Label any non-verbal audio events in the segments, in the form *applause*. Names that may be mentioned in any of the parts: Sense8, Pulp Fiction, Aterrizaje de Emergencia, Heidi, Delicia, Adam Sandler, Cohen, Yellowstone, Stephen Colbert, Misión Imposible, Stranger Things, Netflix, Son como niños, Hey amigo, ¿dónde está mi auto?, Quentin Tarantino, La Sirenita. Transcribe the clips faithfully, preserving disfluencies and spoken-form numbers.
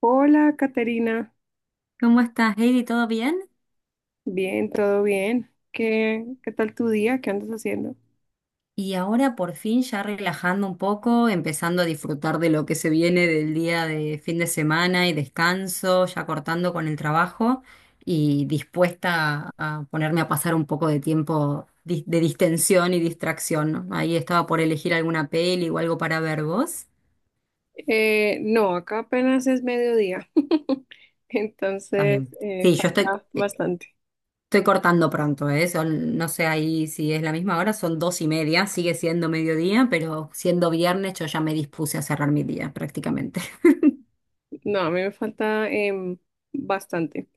Hola, Caterina. ¿Cómo estás, Heidi? ¿Todo bien? Bien, todo bien. ¿Qué, qué tal tu día? ¿Qué andas haciendo? Y ahora por fin ya relajando un poco, empezando a disfrutar de lo que se viene del día de fin de semana y descanso, ya cortando con el trabajo y dispuesta a, a ponerme a pasar un poco de tiempo dis- de distensión y distracción, ¿no? Ahí estaba por elegir alguna peli o algo para ver vos. Eh, no, acá apenas es mediodía. *laughs* Está Entonces, bien. eh, Sí, yo estoy, falta eh, bastante. estoy cortando pronto, ¿eh? Son, no sé ahí si es la misma hora, son dos y media, sigue siendo mediodía, pero siendo viernes yo ya me dispuse a cerrar mi día prácticamente. *laughs* No, a mí me falta em, bastante.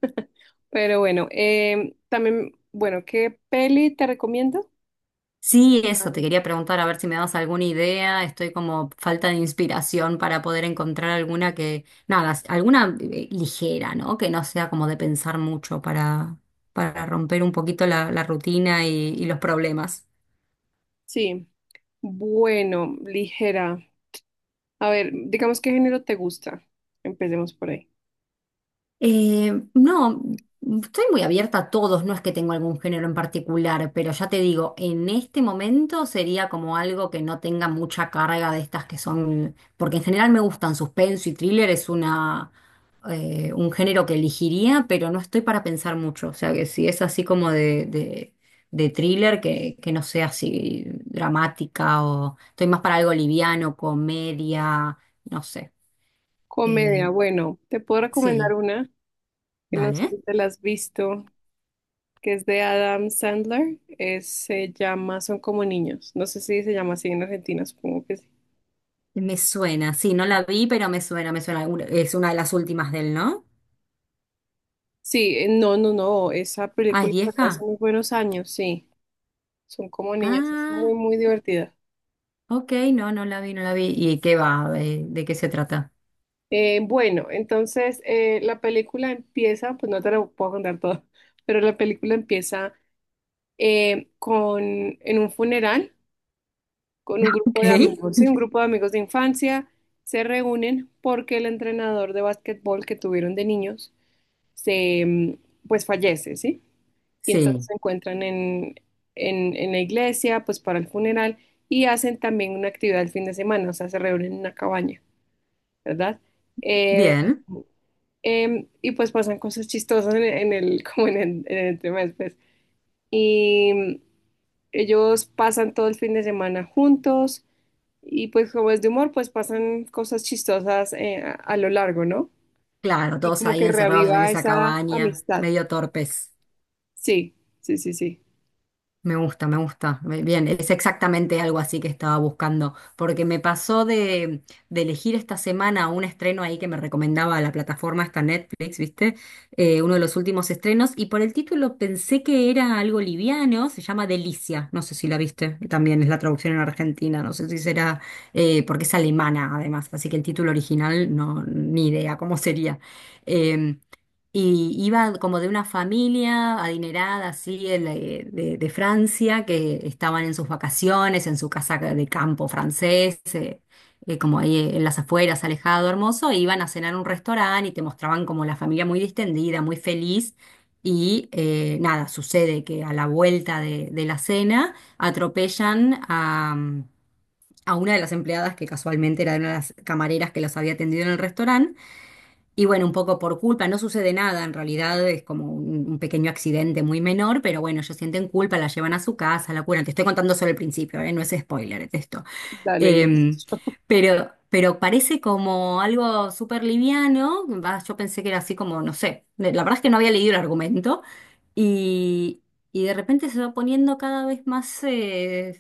Pero bueno, em, también, bueno, ¿qué peli te recomiendo? Sí, eso, te Ah. quería preguntar a ver si me das alguna idea, estoy como falta de inspiración para poder encontrar alguna que, nada, s- alguna eh, ligera, ¿no? Que no sea como de pensar mucho para, para romper un poquito la, la rutina y, y los problemas. Sí, bueno, ligera. A ver, digamos qué género te gusta. Empecemos por ahí. Eh, no, estoy muy abierta a todos, no es que tengo algún género en particular, pero ya te digo, en este momento sería como algo que no tenga mucha carga de estas que son, porque en general me gustan suspenso y thriller, es una, eh, un género que elegiría, pero no estoy para pensar mucho, o sea que si es así como de, de, de thriller, que, que no sea así dramática o estoy más para algo liviano, comedia, no sé. Eh, Comedia, bueno, te puedo recomendar sí, una que no sé dale. si te la has visto, que es de Adam Sandler, eh, se llama Son como niños. No sé si se llama así en Argentina, supongo que sí. Me suena, sí, no la vi, pero me suena, me suena. Un- Es una de las últimas de él, ¿no? Sí, eh, no, no, no, esa Ah, ¿es película salió hace vieja? muy buenos años, sí. Son como niños, es Ah, muy, muy divertida. ok, no, no la vi, no la vi. ¿Y qué va? Eh, ¿De, qué se trata? *laughs* Eh, bueno, entonces eh, la película empieza, pues no te lo puedo contar todo, *laughs* pero la película empieza eh, con, en un funeral con un grupo Ok. de amigos, ¿sí? Un grupo de amigos de infancia se reúnen porque el entrenador de básquetbol que tuvieron de niños se, mm, pues fallece, ¿sí? Y entonces Sí, se encuentran en, en, en la iglesia, pues para el funeral, y hacen también una actividad el fin de semana, o sea, se reúnen en una cabaña, ¿verdad? Eh, bien. em, y pues pasan cosas chistosas en, en el, *laughs* como en el, en el tema después. Y mm, ellos pasan todo el fin de semana juntos y pues como es de humor, pues pasan cosas chistosas eh, a, a lo largo, ¿no? Claro, Y todos como ahí que encerrados en reaviva esa esa cabaña, amistad. medio torpes. Sí, sí, sí, sí. Me gusta, me gusta. Me- Bien, es exactamente algo así que estaba buscando, porque me pasó de, de elegir esta semana un estreno ahí que me recomendaba la plataforma esta Netflix, ¿viste? Eh, uno de los últimos estrenos, y por el título pensé que era algo liviano, se llama Delicia, no sé si la viste, también es la traducción en Argentina, no sé si será, eh, porque es alemana además, así que el título original no, ni idea cómo sería. Em, y iba como de una familia adinerada, así, el, eh, de, de Francia, que estaban en sus vacaciones, en su casa de campo francés, eh, eh, como ahí eh, en las afueras, alejado, hermoso, e iban a cenar a un restaurante y te mostraban como la familia muy distendida, muy feliz. Y eh, nada, sucede que a la vuelta de, de la cena atropellan a, a una de las empleadas que casualmente era de una de las camareras que los había atendido en el restaurante. Y bueno, un poco por culpa, no sucede nada, en realidad es como un, un pequeño accidente muy menor, pero bueno, ellos sienten culpa, la llevan a su casa, la curan. Te estoy contando solo el principio, ¿eh? No es spoiler es esto. Dale, yo te Em, escucho. pero, pero parece como algo súper liviano. Va, yo pensé que era así como, no sé, la verdad es que no había leído el argumento. Y, y de repente se va poniendo cada vez más eh,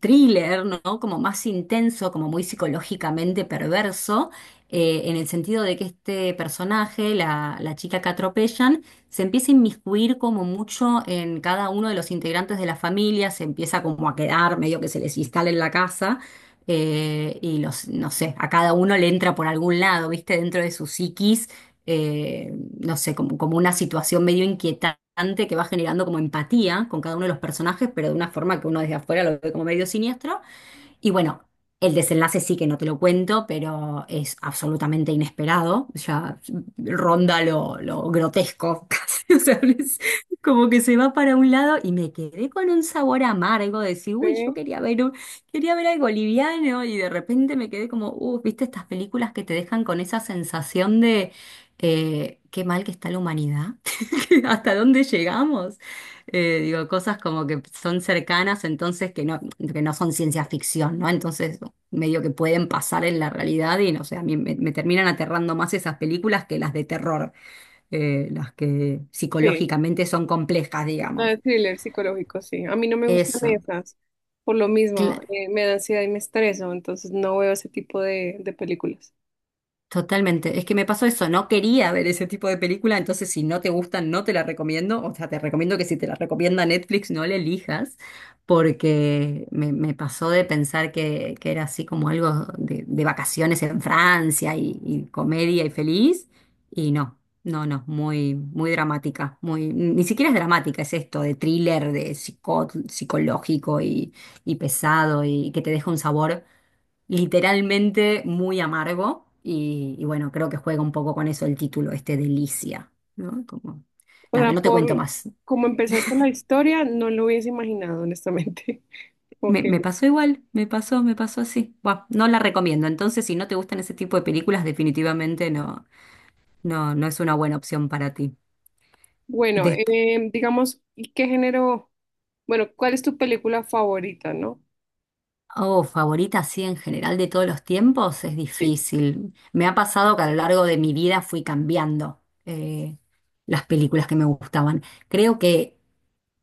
thriller, ¿no? Como más intenso, como muy psicológicamente perverso, eh, en el sentido de que este personaje, la, la chica que atropellan, se empieza a inmiscuir como mucho en cada uno de los integrantes de la familia, se empieza como a quedar medio que se les instala en la casa eh, y los, no sé, a cada uno le entra por algún lado, ¿viste? Dentro de su psiquis, eh, no sé, como, como una situación medio inquietante que va generando como empatía con cada uno de los personajes, pero de una forma que uno desde afuera lo ve como medio siniestro. Y bueno, el desenlace sí que no te lo cuento, pero es absolutamente inesperado, ya ronda lo, lo grotesco *laughs* casi, o sea, es como que se va para un lado y me quedé con un sabor amargo, de decir, uy, yo Sí, quería ver, un- quería ver algo liviano y de repente me quedé como, uh, ¿viste estas películas que te dejan con esa sensación de eh, qué mal que está la humanidad? *laughs* ¿Hasta dónde llegamos? Eh, digo, cosas como que son cercanas, entonces que no, que no son ciencia ficción, ¿no? Entonces, medio que pueden pasar en la realidad y no sé, a mí me, me terminan aterrando más esas películas que las de terror, eh, las que sí, psicológicamente son complejas, no, digamos. de thriller psicológico, sí. A mí no me gustan Eso. esas, por lo Cla- mismo, eh, me da ansiedad y me estreso, entonces no veo ese tipo de, de películas. Totalmente. Es que me pasó eso, no quería ver ese tipo de película, entonces si no te gustan, no te la recomiendo. O sea, te recomiendo que si te la recomienda Netflix, no la elijas, porque me, me pasó de pensar que, que era así como algo de, de vacaciones en Francia y, y comedia y feliz, y no, no, no, muy, muy dramática, muy, ni siquiera es dramática, es esto de thriller, de psico- psicológico y, y pesado y que te deja un sabor literalmente muy amargo y, y bueno, creo que juega un poco con eso el título este de Licia, ¿no? Como, O nada, sea, no te por cuento más. como empezaste la historia, no lo hubiese imaginado, honestamente. *laughs* Me, Ok, me pasó igual, me pasó, me pasó así. Buah, no la recomiendo. Entonces, si no te gustan ese tipo de películas, definitivamente no, no, no es una buena opción para ti. bueno, Desp- eh, digamos, ¿y qué género? Bueno, ¿cuál es tu película favorita, no? oh, favorita así en general de todos los tiempos, es Sí. difícil. Me ha pasado que a lo largo de mi vida fui cambiando eh, las películas que me gustaban. Creo que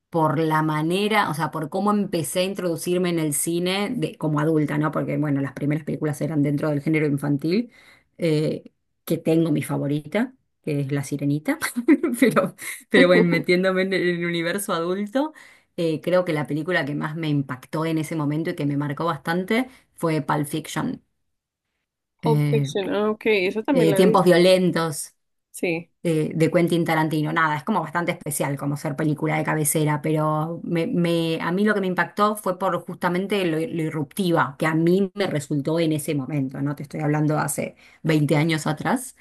por la manera, o sea, por cómo empecé a introducirme en el cine de, como adulta, ¿no? Porque, bueno, las primeras películas eran dentro del género infantil, eh, que tengo mi favorita, que es La Sirenita, *laughs* pero, pero bueno, *laughs* metiéndome en el universo adulto, eh, creo que la película que más me impactó en ese momento y que me marcó bastante fue Pulp Fiction. Pulp Eh, Fiction, ah, ok, eso también eh, la he Tiempos visto. violentos, Sí, eh, de Quentin Tarantino. Nada, es como bastante especial como ser película de cabecera, pero me, me- a mí lo que me impactó fue por justamente lo, lo irruptiva que a mí me resultó en ese momento, ¿no? Te estoy hablando hace veinte años atrás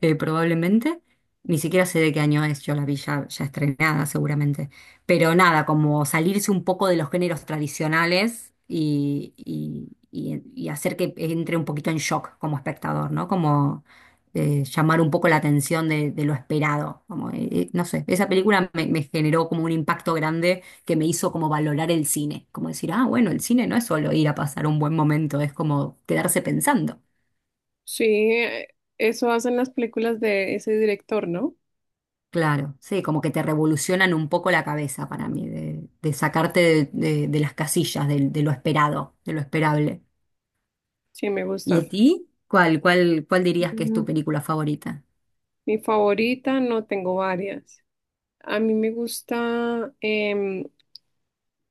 eh, probablemente. Ni siquiera sé de qué año es, yo la vi ya, ya estrenada seguramente. Pero nada, como salirse un poco de los géneros tradicionales y, y- y- y hacer que entre un poquito en shock como espectador, ¿no? Como eh, llamar un poco la atención de, de lo esperado. Como, eh, eh, no sé, esa película me, me generó como un impacto grande que me hizo como valorar el cine. Como decir, ah, bueno, el cine no es solo ir a pasar un buen momento, es como quedarse pensando. sí, eh, eso hacen las películas de ese director, ¿no? Claro, sí, como que te revolucionan un poco la cabeza para mí, de, de sacarte de, de- de las casillas, del- de, lo esperado, de lo esperable. Sí, me ¿Y gusta. a ti? ¿Cuál, cuál, cuál dirías que es tu Mm, película favorita? mi favorita, no tengo varias. A mí me gusta, em,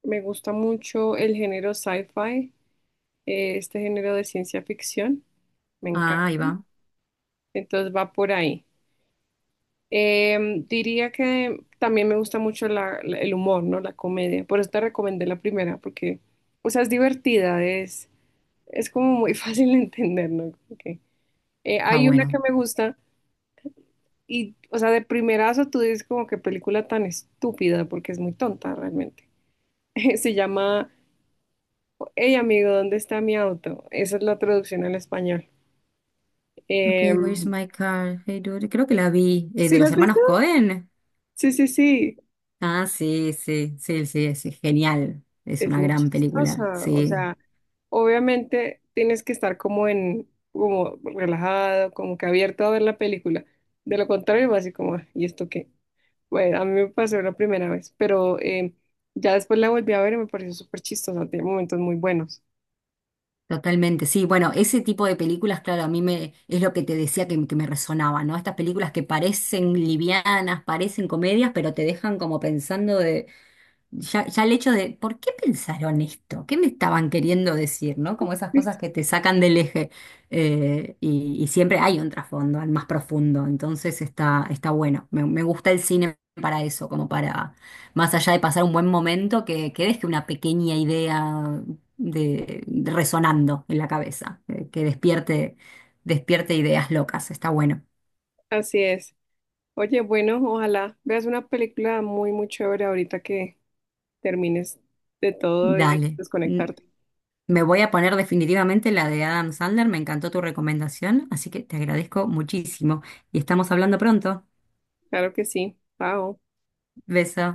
me gusta mucho el género sci-fi, eh, este género de ciencia ficción, me Ah, encanta. ahí va. Entonces va por ahí. Em, diría que también me gusta mucho la- la- el humor, ¿no? La comedia. Por eso te recomendé la primera, porque, o sea, es divertida, es, es como muy *laughs* fácil de entender, ¿no? Como que, eh, Está hay una que bueno. me gusta. Y, o sea, de primerazo tú dices como que película tan estúpida, porque es muy tonta realmente. *laughs* Se llama Hey amigo, ¿dónde está mi auto? Esa es la traducción al español. Okay, where's Em, my car? Hey, dude. Creo que la vi. Eh, ¿sí ¿de la los has visto? hermanos Cohen? Sí, sí, sí. Ah, sí, sí, sí, sí, es genial. Es Es una muy gran película, chistosa. O sí. sea, obviamente tienes que estar como en, como relajado, como que abierto a ver la película. De lo contrario, vas así como, "Ah, ¿y esto qué?" Bueno, a mí me pasó la primera vez, pero em, ya después la volví a ver y me pareció súper chistosa. Tiene momentos muy buenos. Totalmente, sí. Bueno, ese tipo de películas, claro, a mí me es lo que te decía que, que me resonaba, ¿no? Estas películas que parecen livianas, parecen comedias, pero te dejan como pensando ya, ya el hecho de, ¿por qué pensaron esto? ¿Qué me estaban queriendo decir? ¿No? Como esas cosas Sí, que te sacan del eje. Eh, y, y siempre hay un trasfondo, al más profundo. Entonces está, está bueno. Me, me gusta el cine para eso, como para, más allá de pasar un buen momento, que, que deje una pequeña idea de, de resonando en la cabeza, eh, que despierte, despierte ideas locas. Está bueno. así es. Oye, bueno, ojalá veas una película muy, muy chévere ahorita que termines de todo y de Dale. desconectarte. Me voy a poner definitivamente la de Adam Sandler. Me encantó tu recomendación, así que te agradezco muchísimo. Y estamos hablando pronto. Claro que sí. Chao. Beso.